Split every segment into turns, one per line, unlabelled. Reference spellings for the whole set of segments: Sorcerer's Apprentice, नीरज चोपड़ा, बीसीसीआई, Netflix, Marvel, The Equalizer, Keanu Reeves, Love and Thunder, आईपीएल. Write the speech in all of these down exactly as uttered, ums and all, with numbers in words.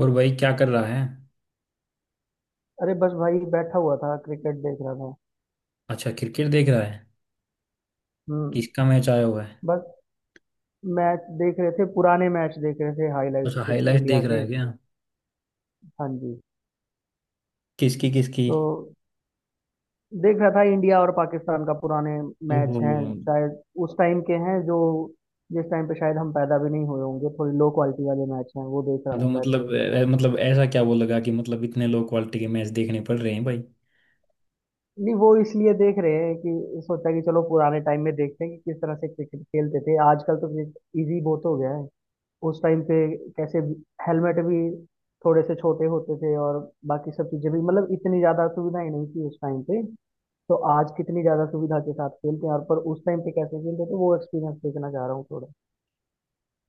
और भाई क्या कर रहा है।
अरे बस भाई बैठा हुआ था, क्रिकेट देख रहा था।
अच्छा, क्रिकेट देख रहा है।
हम्म।
किसका मैच आया हुआ है।
बस। मैच देख रहे थे, पुराने मैच देख रहे थे, हाइलाइट्स
अच्छा,
कुछ
हाईलाइट
इंडिया
देख रहा
के।
है क्या।
हाँ जी।
किसकी किसकी।
तो देख रहा था इंडिया और पाकिस्तान का, पुराने मैच
ओहो।
हैं शायद उस टाइम के हैं जो जिस टाइम पे शायद हम पैदा भी नहीं हुए होंगे, थोड़ी लो क्वालिटी वाले मैच हैं, वो देख रहा
तो
हूँ बैठ
मतलब
के।
अ, मतलब ऐसा क्या वो लगा कि मतलब इतने लो क्वालिटी के मैच देखने पड़ रहे हैं भाई।
नहीं, वो इसलिए देख रहे हैं कि सोचा कि चलो पुराने टाइम में देखते हैं कि किस तरह से क्रिकेट खेलते थे। आजकल तो क्रिकेट इजी बहुत हो गया है। उस टाइम पे कैसे हेलमेट भी थोड़े से छोटे होते थे, और बाकी सब चीजें भी मतलब इतनी ज्यादा सुविधा ही नहीं थी उस टाइम पे। तो आज कितनी ज्यादा सुविधा के साथ खेलते हैं, और पर उस टाइम पे कैसे खेलते थे वो एक्सपीरियंस देखना चाह रहा हूँ थोड़ा।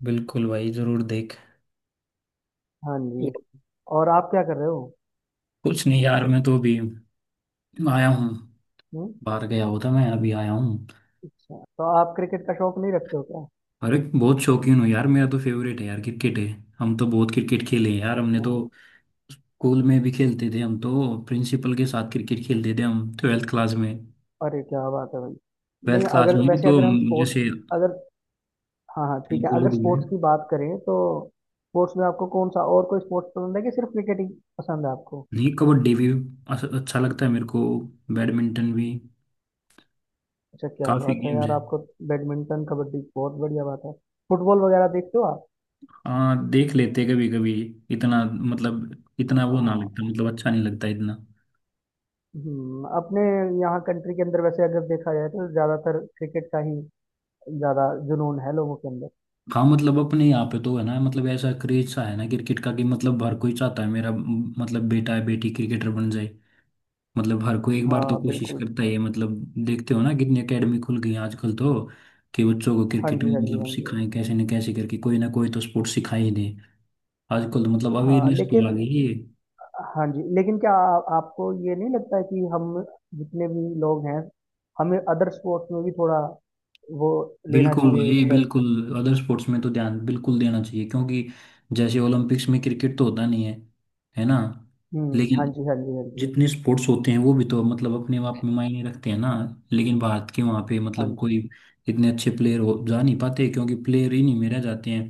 बिल्कुल भाई, जरूर देख।
हाँ जी। और आप क्या कर रहे हो?
कुछ नहीं यार, मैं तो अभी आया हूँ।
हम्म।
बाहर गया होता, मैं अभी आया हूँ।
अच्छा, तो आप क्रिकेट का शौक नहीं रखते हो क्या?
अरे बहुत शौकीन हूँ यार, मेरा तो फेवरेट है यार, क्रिकेट है। हम तो बहुत क्रिकेट खेले हैं यार, हमने
अच्छा।
तो स्कूल में भी खेलते थे हम तो। प्रिंसिपल के साथ क्रिकेट खेलते थे हम ट्वेल्थ क्लास में।
अरे क्या बात है भाई। नहीं,
ट्वेल्थ क्लास
अगर
में भी
वैसे
तो
अगर हम स्पोर्ट्स।
जैसे
अगर। हाँ हाँ ठीक है,
वो
अगर
लोग भी हैं।
स्पोर्ट्स की बात करें तो। स्पोर्ट्स में आपको कौन सा और कोई स्पोर्ट्स पसंद है, कि सिर्फ क्रिकेट ही पसंद है आपको?
नहीं, कबड्डी भी अस- अच्छा लगता है मेरे को। बैडमिंटन भी।
अच्छा क्या
काफी
बात है
गेम्स
यार
है।
आपको। बैडमिंटन कबड्डी बहुत बढ़िया बात है। फुटबॉल वगैरह देखते हो आप?
हाँ, देख लेते कभी कभी। इतना मतलब इतना वो ना लगता,
हाँ।
मतलब अच्छा नहीं लगता इतना।
हम्म, अपने यहाँ कंट्री के अंदर वैसे अगर देखा जाए तो ज़्यादातर क्रिकेट का ही ज़्यादा जुनून है लोगों के अंदर।
हाँ मतलब अपने यहाँ पे तो है ना, मतलब ऐसा क्रेज सा है ना क्रिकेट का कि मतलब हर कोई चाहता है मेरा मतलब बेटा है बेटी क्रिकेटर बन जाए। मतलब हर कोई एक बार तो
हाँ
कोशिश
बिल्कुल।
करता ही है मतलब। देखते हो ना कितनी एकेडमी खुल गई हैं आजकल तो। कि बच्चों को
हाँ
क्रिकेट
जी
में
हाँ जी
मतलब
हाँ जी हाँ
सिखाएं,
जी।
कैसे न कैसे करके कोई ना कोई तो स्पोर्ट्स सिखा ही दें। आजकल तो मतलब
हाँ
अवेयरनेस तो आ
लेकिन।
गई है।
हाँ जी लेकिन क्या आ, आपको ये नहीं लगता है कि हम जितने भी लोग हैं, हमें अदर स्पोर्ट्स में भी थोड़ा वो लेना
बिल्कुल
चाहिए
भाई
इंटरेस्ट।
बिल्कुल। अदर स्पोर्ट्स में तो ध्यान बिल्कुल देना चाहिए क्योंकि जैसे ओलंपिक्स में क्रिकेट तो होता नहीं है, है ना।
हम्म। हाँ
लेकिन
जी हाँ जी हाँ जी
जितने स्पोर्ट्स होते हैं वो भी तो मतलब अपने आप में मायने रखते हैं ना। लेकिन भारत के वहाँ पे
हाँ
मतलब
जी
कोई इतने अच्छे प्लेयर हो जा नहीं पाते क्योंकि प्लेयर ही नहीं में रह जाते हैं।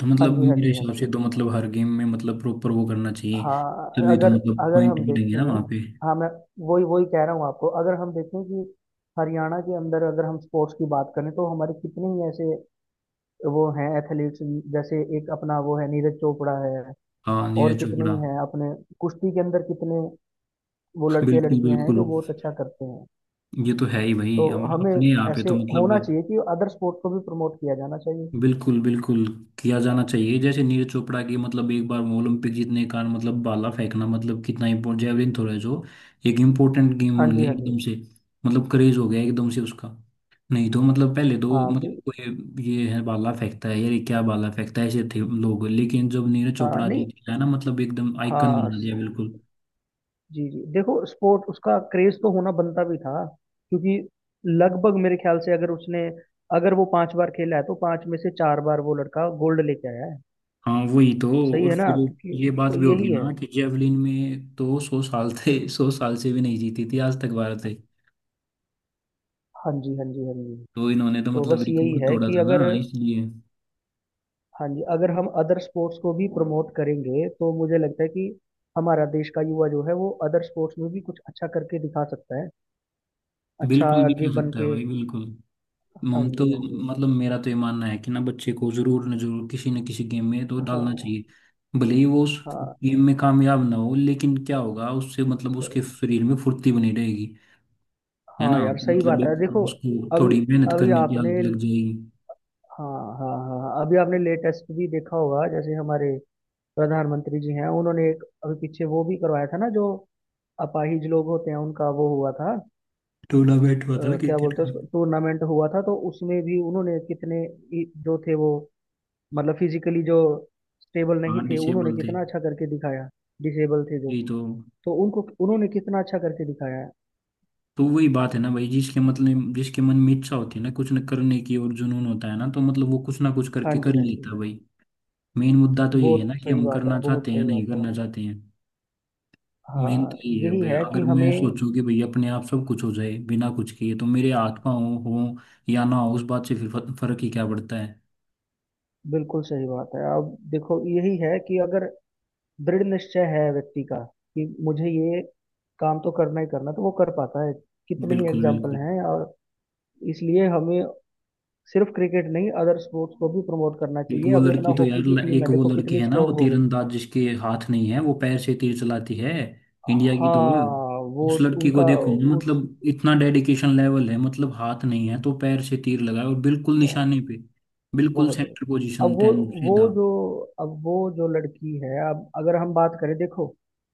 तो
हाँ
मतलब
जी हाँ
मेरे
जी हाँ
हिसाब से
जी।
तो मतलब हर गेम में मतलब प्रॉपर वो करना चाहिए।
हाँ
तभी तो
अगर।
मतलब
अगर
पॉइंट
हम
मिलेंगे ना वहाँ
देखें।
पे।
हाँ मैं। वही वही कह रहा हूँ आपको। अगर हम देखें कि हरियाणा के अंदर अगर हम स्पोर्ट्स की बात करें तो हमारे कितने ही ऐसे वो हैं एथलीट्स, जैसे एक अपना वो है नीरज चोपड़ा है,
हाँ,
और
नीरज
कितने
चोपड़ा।
ही हैं अपने कुश्ती के अंदर कितने वो लड़के
बिल्कुल
लड़कियां हैं
बिल्कुल।
जो बहुत अच्छा करते हैं।
ये तो है ही भाई,
तो
हम
हमें
अपने यहाँ पे
ऐसे
तो मतलब
होना चाहिए कि अदर स्पोर्ट को भी प्रमोट किया जाना चाहिए।
बिल्कुल बिल्कुल किया जाना चाहिए। जैसे नीरज चोपड़ा की मतलब एक बार वो ओलंपिक जीतने का, मतलब भाला फेंकना मतलब कितना इम्पोर्टेंट जेवलिन थ्रो है जो एक इम्पोर्टेंट गेम
हाँ
बन
जी
गया
हाँ जी।
एकदम से। मतलब क्रेज हो गया एकदम से उसका। नहीं तो मतलब पहले तो
हाँ बिल
मतलब कोई ये है भाला फेंकता है यार, ये क्या भाला फेंकता है, ऐसे थे लोग, लेकिन जब नीरज
हाँ
चोपड़ा
नहीं,
जी, है ना, मतलब एकदम आइकन
हाँ
बना दिया बिल्कुल।
जी जी, देखो स्पोर्ट उसका क्रेज तो होना बनता भी था। क्योंकि लगभग मेरे ख्याल से, अगर उसने अगर वो पांच बार खेला है तो पांच में से चार बार वो लड़का गोल्ड लेके आया है।
हाँ वही तो।
सही
और
है ना
फिर
क्योंकि।
ये बात
तो
भी होगी
यही है।
ना कि जेवलिन में तो सौ साल थे, सौ साल से भी नहीं जीती थी आज तक भारत।
हाँ जी हाँ जी हाँ जी।
तो इन्होंने तो
तो
मतलब
बस यही
रिकॉर्ड
है
तोड़ा
कि
था ना
अगर।
इसलिए।
हाँ जी, अगर हम अदर स्पोर्ट्स को भी प्रमोट करेंगे तो मुझे लगता है कि हमारा देश का युवा जो है वो अदर स्पोर्ट्स में भी कुछ अच्छा करके दिखा सकता है। अच्छा
बिल्कुल भी
आगे
कह
बन
सकता है
के।
भाई बिल्कुल।
हाँ
मम तो
जी हाँ जी
मतलब मेरा तो ये मानना है कि ना बच्चे को जरूर न जरूर किसी न किसी गेम में तो डालना
हाँ।
चाहिए। भले ही वो उस
हाँ
गेम में कामयाब ना हो, लेकिन क्या होगा उससे, मतलब उसके
सही।
शरीर में फुर्ती बनी रहेगी, है ना।
हाँ यार
तो
सही
मतलब
बात है
एक
देखो।
उसको
अभी
थोड़ी मेहनत
अभी
करने की
आपने।
आदत लग जाएगी।
हाँ हाँ हाँ हाँ, अभी आपने लेटेस्ट भी देखा होगा, जैसे हमारे प्रधानमंत्री जी हैं, उन्होंने एक अभी पीछे वो भी करवाया था ना जो अपाहिज लोग होते हैं उनका वो हुआ था।
टूर्नामेंट हुआ था ना
अ, क्या
क्रिकेट
बोलते हैं
का।
उसको, टूर्नामेंट हुआ था, तो उसमें भी उन्होंने कितने ही- जो थे वो मतलब फिजिकली जो स्टेबल नहीं
हाँ,
थे उन्होंने
डिसेबल थे।
कितना अच्छा करके दिखाया। डिसेबल थे जो।
यही तो।
तो उनको उन्होंने कितना अच्छा करके दिखाया है।
तो वही बात है ना भाई, जिसके मतलब जिसके मन में इच्छा होती है ना कुछ न करने की और जुनून होता है ना, तो मतलब वो कुछ ना कुछ
हाँ
करके
जी
कर ही
हाँ
लेता
जी,
है भाई। मेन मुद्दा तो यही है
बहुत
ना कि
सही
हम
बात है
करना
बहुत
चाहते हैं या
सही बात
नहीं
है।
करना चाहते हैं। मेन
हाँ।
तो यही है
यही
भाई,
है कि
अगर मैं
हमें।
सोचूं कि भाई अपने आप सब कुछ हो जाए बिना कुछ किए तो मेरे हाथ पाँव हो या ना हो उस बात से फिर फ- फर्क ही क्या पड़ता है।
बिल्कुल सही बात है, अब देखो यही है कि अगर दृढ़ निश्चय है व्यक्ति का कि मुझे ये काम तो करना ही करना, तो वो कर पाता है। कितने ही
बिल्कुल
एग्जाम्पल
बिल्कुल।
हैं और। इसलिए हमें सिर्फ क्रिकेट नहीं अदर स्पोर्ट्स को भी प्रमोट करना
एक
चाहिए।
वो
अभी अपना
लड़की तो यार,
हॉकी की
ल-
टीम
एक
है,
वो
देखो
लड़की
कितनी
है ना वो
स्ट्रांग हो गई।
तीरंदाज जिसके हाथ नहीं है, वो पैर से तीर चलाती है। इंडिया की तो
हाँ
वो।
वो
उस लड़की को
उनका
देखो ना,
उस
मतलब इतना डेडिकेशन लेवल है, मतलब हाथ नहीं है तो पैर से तीर लगाए और बिल्कुल निशाने पे। बिल्कुल
बहुत जरूरत।
सेंटर
अब
पोजीशन
वो
टेन
वो
सीधा।
जो अब वो जो लड़की है, अब अगर हम बात करें देखो,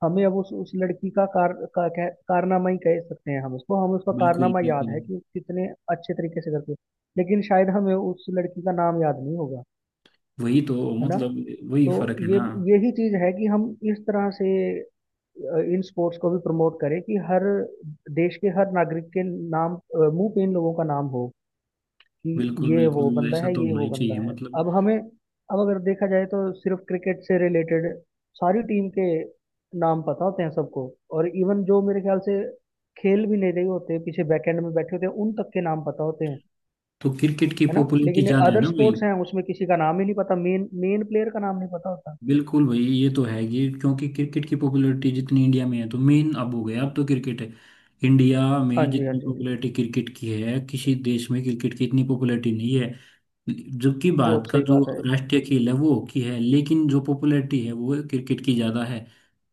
हमें अब उस उस लड़की का कार का कह, कारनामा ही कह सकते हैं हम उसको, हमें उसका
बिल्कुल
कारनामा याद
बिल्कुल।
है कि वो कितने अच्छे तरीके से करती है। लेकिन शायद हमें उस लड़की का नाम याद नहीं होगा।
वही तो
है ना।
मतलब वही
तो
फर्क है
ये
ना।
यही चीज है कि हम इस तरह से, अ, इन स्पोर्ट्स को भी प्रमोट करें कि हर देश के हर नागरिक के नाम अ, मुंह पे इन लोगों का नाम हो, कि
बिल्कुल
ये वो
बिल्कुल,
बंदा
ऐसा
है
तो
ये
होना
वो
ही चाहिए
बंदा है।
मतलब।
अब हमें, अब अगर देखा जाए तो सिर्फ क्रिकेट से रिलेटेड सारी टीम के नाम पता होते हैं सबको। और इवन जो मेरे ख्याल से खेल भी नहीं रहे होते, पीछे बैकएंड में बैठे होते हैं, उन तक के नाम पता होते हैं।
तो क्रिकेट की
है ना।
पॉपुलैरिटी
लेकिन
ज्यादा है
अदर
ना भाई।
स्पोर्ट्स हैं, उसमें किसी का नाम ही नहीं पता, मेन मेन प्लेयर का नाम नहीं पता होता।
बिल्कुल भाई ये तो है ये, क्योंकि क्रिकेट की पॉपुलैरिटी जितनी इंडिया में है तो मेन अब हो गया, अब तो क्रिकेट है। इंडिया
हाँ
में
जी हाँ
जितनी
जी हाँ जी,
पॉपुलैरिटी क्रिकेट की है, किसी देश में क्रिकेट की इतनी पॉपुलैरिटी नहीं है। जबकि भारत
बहुत
का
सही
जो
बात है।
राष्ट्रीय खेल है वो हॉकी है, लेकिन जो पॉपुलैरिटी है वो क्रिकेट की ज़्यादा है।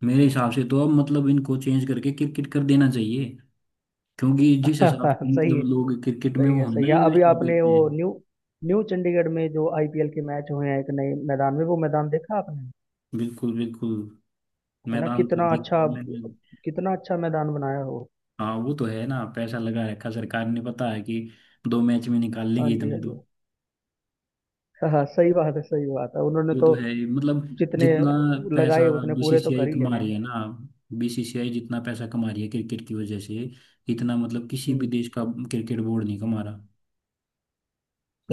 मेरे हिसाब से तो अब मतलब इनको चेंज करके क्रिकेट कर देना चाहिए। क्योंकि जिस हिसाब से
सही है
मतलब लोग क्रिकेट में
सही
वो
है
है
सही
ना
है।
इन्वेस्ट
अभी आपने
करते
वो
हैं।
न्यू न्यू चंडीगढ़ में जो आई पी एल के मैच हुए हैं एक नए मैदान में, वो मैदान देखा आपने?
बिल्कुल बिल्कुल।
है ना,
मैदान तो
कितना
देखिए
अच्छा।
मैंने।
कितना अच्छा मैदान बनाया हो।
हाँ वो तो है ना, पैसा लगा रखा सरकार ने, पता है कि दो मैच में निकाल
हाँ
लेंगे
जी हाँ
इतना
जी,
तो।
हाँ हाँ, सही बात है सही बात है, उन्होंने
वो
तो
तो है ही। मतलब
जितने
जितना
लगाए
पैसा
उतने पूरे तो
बीसीसीआई
कर ही ले
कमा
रहे
रही
हैं।
है ना। बीसीसीआई जितना पैसा कमा रही है क्रिकेट की वजह से, इतना मतलब किसी भी
हम्म।
देश का क्रिकेट बोर्ड नहीं कमा रहा।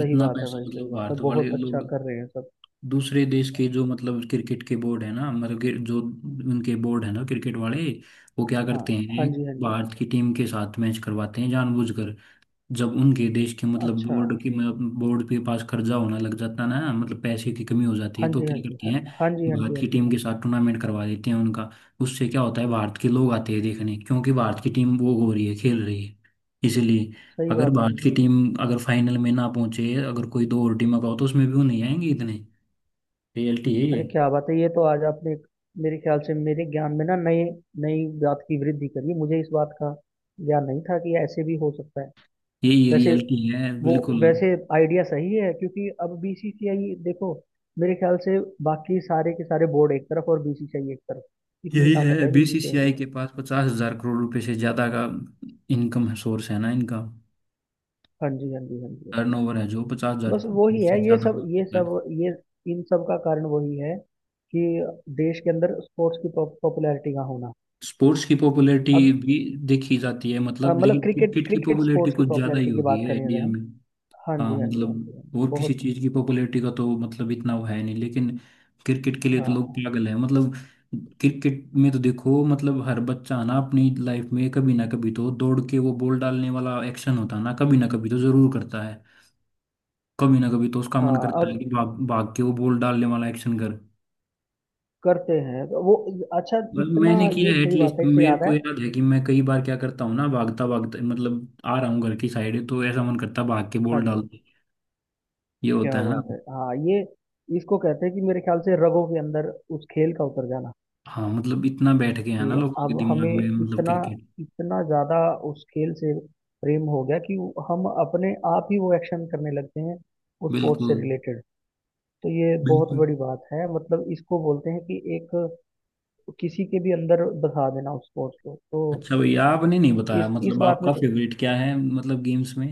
सही बात है
पैसा,
भाई, सही
मतलब
बात है,
भारत वाले
बहुत अच्छा
लोग
कर रहे हैं सब।
दूसरे देश के जो मतलब क्रिकेट के बोर्ड है ना, मतलब कि जो उनके बोर्ड है ना क्रिकेट वाले, वो क्या
हाँ,
करते
हाँ
हैं।
जी हाँ जी,
भारत की टीम के साथ मैच करवाते हैं जानबूझकर। जब उनके देश के मतलब
अच्छा,
बोर्ड की बोर्ड के पास कर्जा होना लग जाता है ना, मतलब पैसे की कमी हो जाती
हाँ
है, तो
जी हाँ
क्या
जी
करती
हाँ,
हैं
हाँ जी हाँ जी
भारत
हाँ
की
जी,
टीम के साथ टूर्नामेंट करवा देते हैं उनका। उससे क्या होता है, भारत के लोग आते हैं देखने क्योंकि भारत की टीम वो हो रही है, खेल रही है इसलिए।
सही
अगर
बात है
भारत
जी।
की टीम अगर फाइनल में ना पहुंचे, अगर कोई दो और टीमों का हो तो उसमें भी वो नहीं आएंगे इतने। रियलिटी है।
अरे क्या बात है! ये तो आज आपने एक- मेरे ख्याल से मेरे ज्ञान में ना नई नई बात की वृद्धि करी, मुझे इस बात का ज्ञान नहीं था कि ऐसे भी हो सकता है।
ये यही
वैसे
रियलिटी है
वो
बिल्कुल।
वैसे आइडिया सही है, क्योंकि अब बी सी सी आई देखो, मेरे ख्याल से बाकी सारे के सारे बोर्ड एक तरफ और बी सी सी आई एक तरफ, इतनी
यही
ताकत
है,
है बी सी सी आई में।
बीसीसीआई के पास पचास हजार करोड़ रुपए से ज्यादा का इनकम सोर्स है ना इनका।
हाँ जी हाँ जी हाँ जी।
टर्नओवर है जो पचास हजार
बस वही है
से
ये
ज्यादा
सब
हो
ये
चुका है।
सब ये इन सब का कारण वही है, कि देश के अंदर स्पोर्ट्स की पॉपुलैरिटी का होना।
स्पोर्ट्स की पॉपुलैरिटी
अब
भी देखी जाती है
अ,
मतलब,
मतलब
लेकिन
क्रिकेट
क्रिकेट की
क्रिकेट
पॉपुलैरिटी
स्पोर्ट्स की
कुछ ज्यादा ही
पॉपुलैरिटी की
होगी
बात
है
करें अगर
इंडिया
हम।
में।
हाँ
हाँ
जी हाँ जी हाँ जी हाँ
मतलब
जी
और किसी
बहुत,
चीज की पॉपुलैरिटी का तो मतलब इतना वो है नहीं, लेकिन क्रिकेट के लिए तो लोग
हाँ
पागल है मतलब। क्रिकेट में तो देखो, मतलब हर बच्चा ना अपनी लाइफ में कभी ना कभी तो दौड़ के वो बॉल डालने वाला एक्शन होता है ना कभी ना कभी तो जरूर करता है। कभी ना कभी तो उसका मन
हाँ,
करता
अब
है कि भाग भाग के वो बॉल डालने वाला एक्शन कर।
करते हैं तो वो, अच्छा,
बस
इतना
मैंने किया
ये
है,
सही बात
एटलीस्ट
है, इससे
मेरे
याद
को
है।
याद है कि मैं कई बार क्या करता हूँ ना, भागता भागता मतलब आ रहा हूँ घर की साइड तो ऐसा मन करता है भाग के
हाँ
बॉल डाल
जी।
दे। ये
क्या
होता है ना।
बात है, हाँ ये इसको कहते हैं कि मेरे ख्याल से रगों के अंदर उस खेल का उतर जाना।
हाँ मतलब इतना बैठ गया है ना
कि
लोगों के
अब
दिमाग
हमें
में मतलब
इतना
क्रिकेट।
इतना ज्यादा उस खेल से प्रेम हो गया कि हम अपने आप ही वो एक्शन करने लगते हैं, उस स्पोर्ट्स से
बिल्कुल
रिलेटेड। तो ये बहुत
बिल्कुल।
बड़ी बात है, मतलब इसको बोलते हैं कि एक किसी के भी अंदर बसा देना उस स्पोर्ट्स को तो।
अच्छा भैया, आपने नहीं बताया
इस इस
मतलब
बात में
आपका
तो
फेवरेट क्या है मतलब गेम्स में।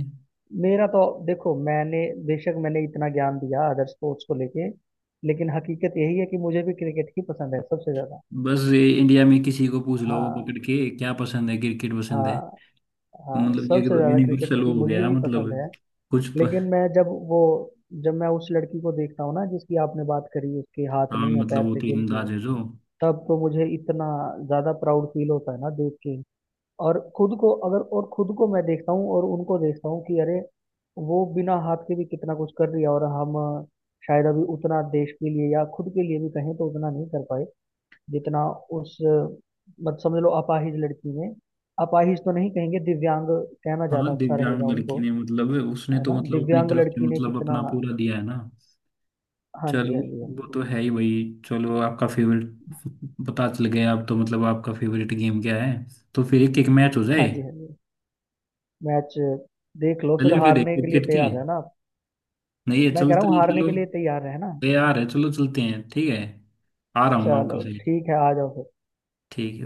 मेरा तो देखो, मैंने बेशक मैंने इतना ज्ञान दिया अदर स्पोर्ट्स को लेके, लेकिन हकीकत यही है कि मुझे भी क्रिकेट ही पसंद है सबसे ज्यादा।
बस ये इंडिया में किसी को पूछ लो
हाँ
पकड़ के क्या पसंद है, क्रिकेट पसंद है।
हाँ
तो
हाँ,
मतलब ये
सबसे
तो
ज्यादा क्रिकेट
यूनिवर्सल
ही
वो हो
मुझे
गया
भी पसंद है।
मतलब। कुछ
लेकिन
प...
मैं जब वो जब मैं उस लड़की को देखता हूँ ना जिसकी आपने बात करी, उसके हाथ
हाँ
नहीं है,
मतलब
पैर
वो
से खेलती
तीरंदाज
है।
है जो।
तब तो मुझे इतना ज्यादा प्राउड फील होता है ना देख के। और खुद को अगर और खुद को मैं देखता हूँ और उनको देखता हूँ कि अरे वो बिना हाथ के भी कितना कुछ कर रही है, और हम अ, शायद अभी उतना देश के लिए या खुद के लिए भी कहें तो उतना नहीं कर पाए जितना उस अ, मत समझ लो अपाहिज लड़की ने। अपाहिज तो नहीं कहेंगे, दिव्यांग कहना ज्यादा
हाँ
अच्छा रहेगा
दिव्यांग
उनको।
लड़की ने मतलब उसने
है
तो
ना,
मतलब अपनी
दिव्यांग
तरफ से
लड़की ने
मतलब
कितना।
अपना पूरा दिया है ना।
हाँ जी
चलो।
हाँ जी हाँ
वो
जी
तो है ही भाई। चलो आपका फेवरेट पता चल गया, अब तो मतलब आपका फेवरेट गेम क्या है। तो फिर एक एक मैच हो जाए।
हाँ जी हाँ जी। मैच देख लो, फिर
चले फिर एक
हारने के लिए
क्रिकेट के।
तैयार रहना आप।
नहीं है,
मैं कह रहा
चलते
हूँ
हैं
हारने
चलो।
के लिए तैयार रहना।
तैयार है, चलो चलते हैं, ठीक है। आ रहा हूँ मैं आपके
चलो
साथ।
ठीक है, आ जाओ फिर।
ठीक है।